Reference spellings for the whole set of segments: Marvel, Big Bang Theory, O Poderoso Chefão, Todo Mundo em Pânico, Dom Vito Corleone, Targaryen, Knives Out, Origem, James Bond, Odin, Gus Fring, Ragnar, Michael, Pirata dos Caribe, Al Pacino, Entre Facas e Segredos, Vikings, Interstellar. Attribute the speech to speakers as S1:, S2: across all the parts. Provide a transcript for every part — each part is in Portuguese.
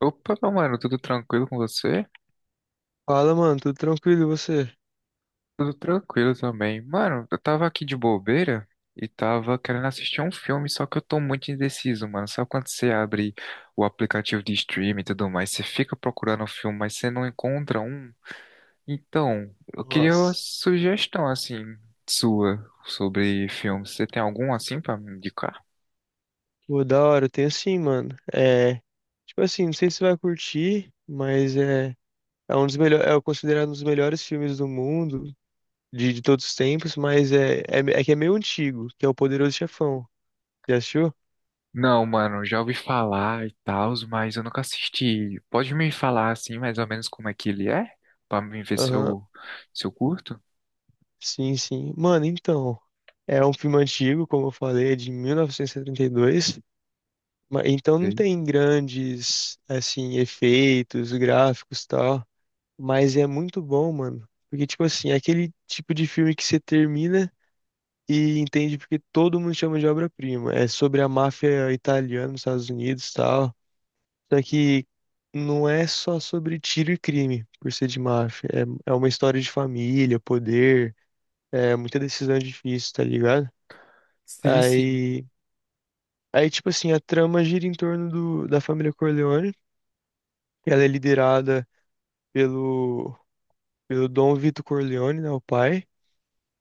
S1: Opa, meu mano, tudo tranquilo com você?
S2: Fala, mano, tudo tranquilo e você?
S1: Tudo tranquilo também. Mano, eu tava aqui de bobeira e tava querendo assistir um filme, só que eu tô muito indeciso, mano. Sabe quando você abre o aplicativo de streaming e tudo mais, você fica procurando um filme, mas você não encontra um? Então, eu queria uma
S2: Nossa.
S1: sugestão, assim, sua sobre filmes. Você tem algum, assim, pra me indicar?
S2: Pô, da hora, eu tenho sim, mano. Tipo assim, não sei se você vai curtir, é um dos melhores, é considerado um dos melhores filmes do mundo, de todos os tempos, mas que é meio antigo, que é O Poderoso Chefão. Já assistiu?
S1: Não, mano, já ouvi falar e tal, mas eu nunca assisti. Pode me falar assim, mais ou menos como é que ele é? Pra mim ver se
S2: Aham,
S1: eu, se eu curto?
S2: sim, sim. Mano, então, é um filme antigo, como eu falei, é de 1972, então não
S1: Sei.
S2: tem grandes, assim, efeitos gráficos e tal. Mas é muito bom, mano. Porque, tipo assim, é aquele tipo de filme que você termina e entende porque todo mundo chama de obra-prima. É sobre a máfia italiana nos Estados Unidos e tal. Só que não é só sobre tiro e crime, por ser de máfia. É uma história de família, poder, é muita decisão difícil, tá ligado?
S1: Sim, sim,
S2: Aí, aí tipo assim, a trama gira em torno da família Corleone. Ela é liderada pelo, pelo Dom Vito Corleone, né, o pai.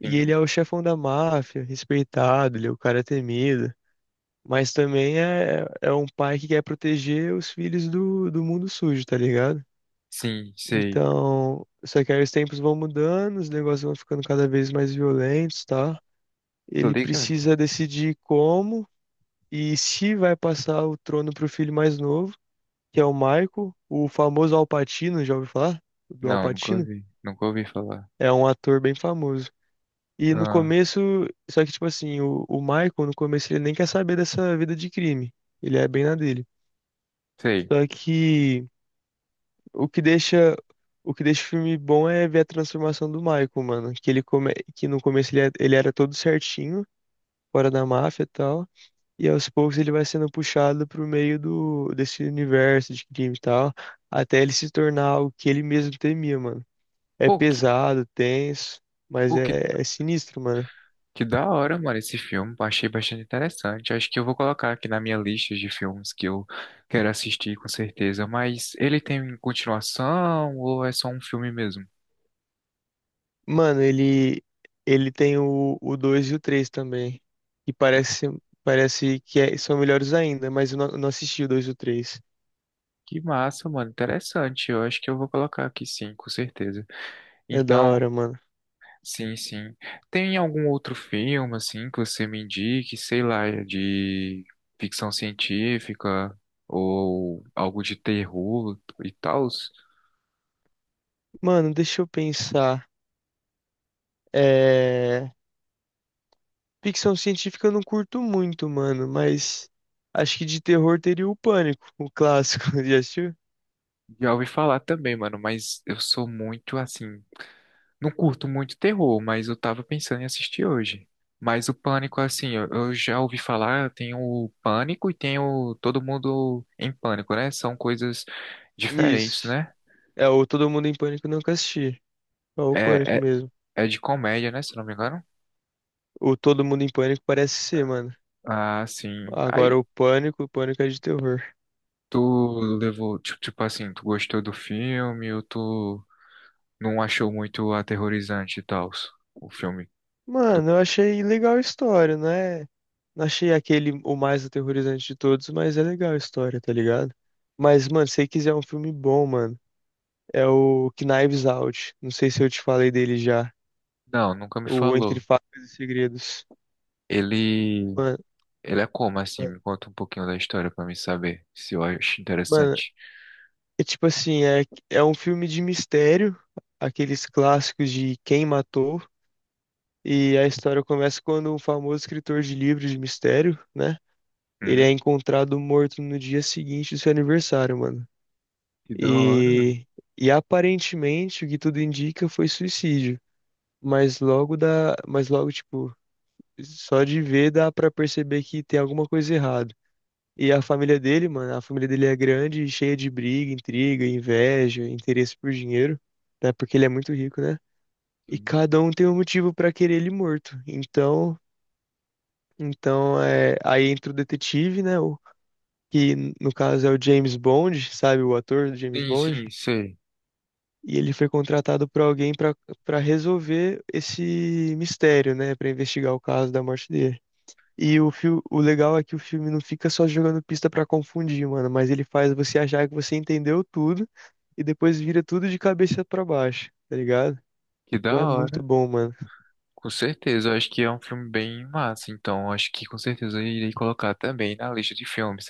S2: E ele
S1: sim,
S2: é o chefão da máfia, respeitado, ele é o cara temido. Mas também é um pai que quer proteger os filhos do mundo sujo, tá ligado?
S1: sim, sei.
S2: Então, só que aí os tempos vão mudando, os negócios vão ficando cada vez mais violentos, tá?
S1: Tô
S2: Ele
S1: ligado?
S2: precisa decidir como e se vai passar o trono pro filho mais novo, que é o Michael, o famoso Al Pacino, já ouviu falar? Do Al
S1: Não, nunca
S2: Pacino?
S1: ouvi, nunca ouvi falar.
S2: É um ator bem famoso. E no
S1: Ah,
S2: começo, só que tipo assim, o Michael no começo ele nem quer saber dessa vida de crime. Ele é bem na dele.
S1: sei.
S2: Só que o que deixa o que deixa o filme bom é ver a transformação do Michael, mano, que no começo ele era todo certinho, fora da máfia e tal, e aos poucos ele vai sendo puxado pro meio do desse universo de crime e tal, até ele se tornar o que ele mesmo temia, mano. É
S1: Pô, que,
S2: pesado, tenso, mas
S1: pô, que,
S2: é sinistro, mano.
S1: que da hora, mano, esse filme. Achei bastante interessante. Acho que eu vou colocar aqui na minha lista de filmes que eu quero assistir, com certeza. Mas ele tem continuação ou é só um filme mesmo?
S2: Mano, ele tem o 2 e o 3 também. E parece que são melhores ainda, mas eu não assisti o 2 e o três.
S1: Que massa, mano. Interessante. Eu acho que eu vou colocar aqui sim, com certeza.
S2: É da
S1: Então,
S2: hora, mano.
S1: sim, sim. Tem algum outro filme, assim, que você me indique, sei lá, de ficção científica ou algo de terror e tal?
S2: Mano, deixa eu pensar. É... Ficção científica eu não curto muito, mano, mas acho que de terror teria o Pânico, o clássico. Já assistiu?
S1: Já ouvi falar também, mano, mas eu sou muito, assim, não curto muito terror, mas eu tava pensando em assistir hoje. Mas o Pânico, assim, eu já ouvi falar, tem o Pânico e tem o Todo Mundo em Pânico, né? São coisas diferentes,
S2: Isso.
S1: né?
S2: É, o Todo Mundo em Pânico eu nunca assisti. É o
S1: É,
S2: Pânico
S1: é,
S2: mesmo.
S1: é de comédia, né? Se não me engano.
S2: O Todo Mundo em Pânico parece ser, mano.
S1: Ah, sim.
S2: Agora
S1: Aí
S2: o Pânico é de terror.
S1: tu levou, tipo assim, tu gostou do filme ou tu não achou muito aterrorizante e tal, o filme do...
S2: Mano, eu achei legal a história, não é? Não achei aquele o mais aterrorizante de todos, mas é legal a história, tá ligado? Mas, mano, se você quiser um filme bom, mano, é o Knives Out. Não sei se eu te falei dele já.
S1: Não, nunca me
S2: O Entre
S1: falou.
S2: Facas e Segredos.
S1: Ele
S2: Mano,
S1: Ele é como assim? Me conta um pouquinho da história pra mim saber se eu acho
S2: mano,
S1: interessante.
S2: é tipo assim, é um filme de mistério, aqueles clássicos de quem matou. E a história começa quando um famoso escritor de livros de mistério, né? Ele é
S1: Hum,
S2: encontrado morto no dia seguinte do seu aniversário, mano.
S1: que da hora.
S2: E, e aparentemente o que tudo indica foi suicídio, mas logo tipo, só de ver dá pra perceber que tem alguma coisa errada. E a família dele, mano, a família dele é grande, e cheia de briga, intriga, inveja, interesse por dinheiro, né? Porque ele é muito rico, né? E
S1: Sim,
S2: cada um tem um motivo pra querer ele morto. Então é, aí entra o detetive, né? Que no caso é o James Bond, sabe? O ator do James
S1: sim,
S2: Bond.
S1: sim, sei.
S2: E ele foi contratado por alguém para resolver esse mistério, né? Para investigar o caso da morte dele. E o legal é que o filme não fica só jogando pista para confundir, mano, mas ele faz você achar que você entendeu tudo e depois vira tudo de cabeça para baixo, tá ligado?
S1: Que
S2: Então
S1: da
S2: é muito
S1: hora.
S2: bom, mano.
S1: Com certeza, eu acho que é um filme bem massa, então eu acho que com certeza eu irei colocar também na lista de filmes.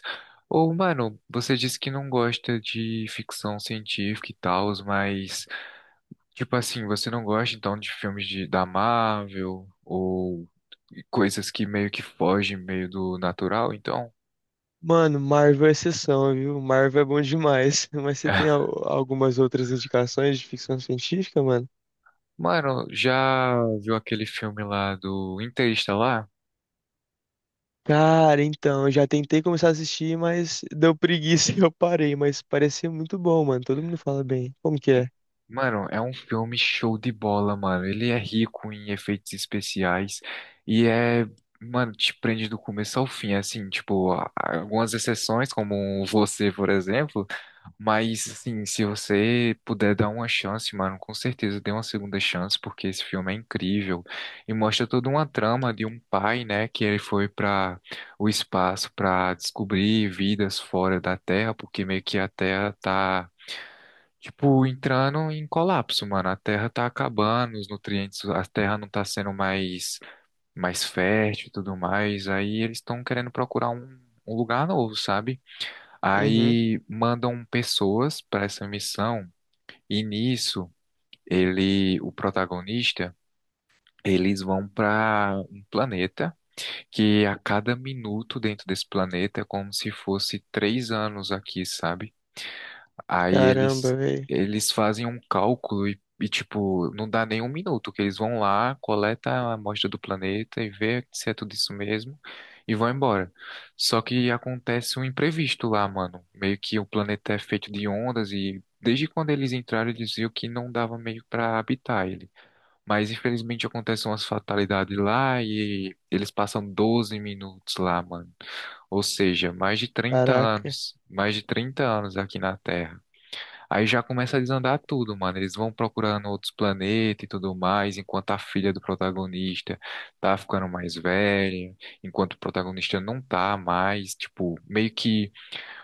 S1: Ô, mano, você disse que não gosta de ficção científica e tal, mas, tipo assim, você não gosta então de filmes de, da Marvel ou coisas que meio que fogem meio do natural, então?
S2: Mano, Marvel é exceção, viu? Marvel é bom demais. Mas você tem algumas outras indicações de ficção científica, mano?
S1: Mano, já viu aquele filme lá do Interestelar?
S2: Cara, então, eu já tentei começar a assistir, mas deu preguiça e eu parei, mas parecia muito bom, mano. Todo mundo fala bem. Como que é?
S1: Mano, é um filme show de bola, mano. Ele é rico em efeitos especiais e é, mano, te prende do começo ao fim, assim, tipo, algumas exceções, como Você, por exemplo. Mas, assim, se você puder dar uma chance, mano, com certeza dê uma segunda chance, porque esse filme é incrível. E mostra toda uma trama de um pai, né, que ele foi para o espaço para descobrir vidas fora da Terra, porque meio que a Terra tá, tipo, entrando em colapso, mano. A Terra tá acabando, os nutrientes, a Terra não tá sendo mais, mais fértil e tudo mais. Aí eles estão querendo procurar um lugar novo, sabe?
S2: Uhum.
S1: Aí mandam pessoas para essa missão e nisso ele, o protagonista, eles vão para um planeta que a cada minuto dentro desse planeta é como se fosse 3 anos aqui, sabe? Aí eles,
S2: Caramba, velho.
S1: eles fazem um cálculo e, tipo, não dá nem um minuto, que eles vão lá, coleta a amostra do planeta e vê se é tudo isso mesmo e vão embora. Só que acontece um imprevisto lá, mano. Meio que o planeta é feito de ondas e desde quando eles entraram eles viram que não dava meio pra habitar ele. Mas infelizmente acontecem umas fatalidades lá e eles passam 12 minutos lá, mano. Ou seja, mais de trinta
S2: Caraca.
S1: anos, mais de 30 anos aqui na Terra. Aí já começa a desandar tudo, mano. Eles vão procurando outros planetas e tudo mais, enquanto a filha do protagonista tá ficando mais velha, enquanto o protagonista não tá mais. Tipo, meio que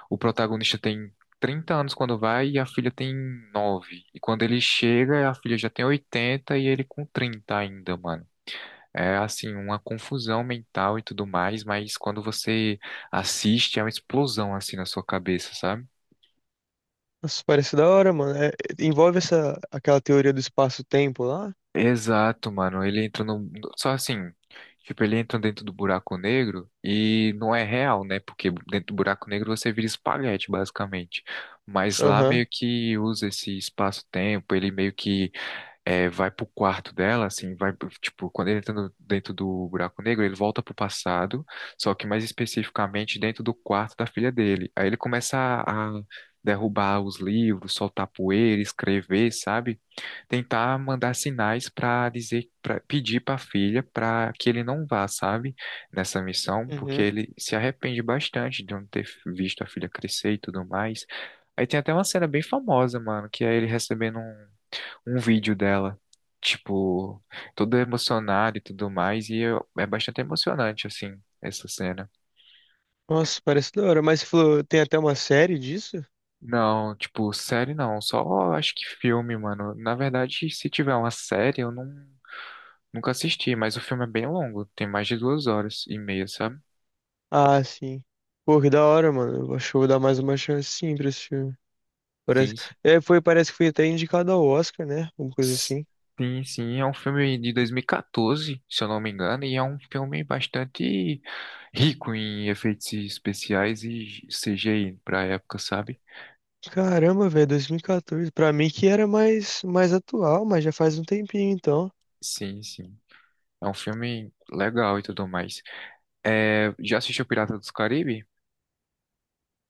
S1: o protagonista tem 30 anos quando vai e a filha tem 9. E quando ele chega, a filha já tem 80 e ele com 30 ainda, mano. É assim, uma confusão mental e tudo mais, mas quando você assiste, é uma explosão assim na sua cabeça, sabe?
S2: Nossa, parece da hora, mano. Envolve essa aquela teoria do espaço-tempo lá?
S1: Exato, mano. Ele entra no. Só assim, tipo, ele entra dentro do buraco negro e não é real, né? Porque dentro do buraco negro você vira espaguete, basicamente. Mas lá
S2: Aham.
S1: meio que usa esse espaço-tempo, ele meio que é, vai pro quarto dela, assim, vai. Tipo, quando ele entra dentro do buraco negro, ele volta pro passado, só que mais especificamente dentro do quarto da filha dele. Aí ele começa a derrubar os livros, soltar poeira, escrever, sabe? Tentar mandar sinais para dizer, para pedir para a filha para que ele não vá, sabe, nessa missão, porque
S2: Uhum.
S1: ele se arrepende bastante de não ter visto a filha crescer e tudo mais. Aí tem até uma cena bem famosa, mano, que é ele recebendo um vídeo dela, tipo, todo emocionado e tudo mais, e é bastante emocionante, assim, essa cena.
S2: Nossa, parece da hora. Mas você falou, tem até uma série disso?
S1: Não, tipo, série não, só acho que filme, mano. Na verdade, se tiver uma série, eu não nunca assisti, mas o filme é bem longo, tem mais de 2 horas e meia, sabe?
S2: Ah, sim. Pô, que da hora, mano. Eu acho que eu vou dar mais uma chance sim pra esse filme. Parece...
S1: Sim, sim.
S2: Parece que foi até indicado ao Oscar, né? Alguma coisa assim.
S1: Sim, sim, é um filme de 2014, se eu não me engano, e é um filme bastante rico em efeitos especiais e CGI pra época, sabe?
S2: Caramba, velho, 2014. Pra mim que era mais atual, mas já faz um tempinho então.
S1: Sim, sim. É um filme legal e tudo mais. É, já assistiu Pirata dos Caribe?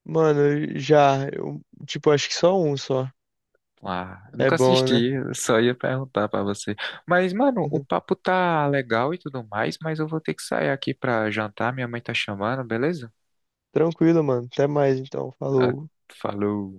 S2: Mano, eu já, eu, tipo, acho que só um só.
S1: Ah, eu
S2: É
S1: nunca
S2: bom,
S1: assisti,
S2: né?
S1: eu só ia perguntar pra você. Mas, mano, o papo tá legal e tudo mais, mas eu vou ter que sair aqui pra jantar, minha mãe tá chamando, beleza?
S2: Tranquilo, mano. Até mais então.
S1: Ah,
S2: Falou.
S1: falou.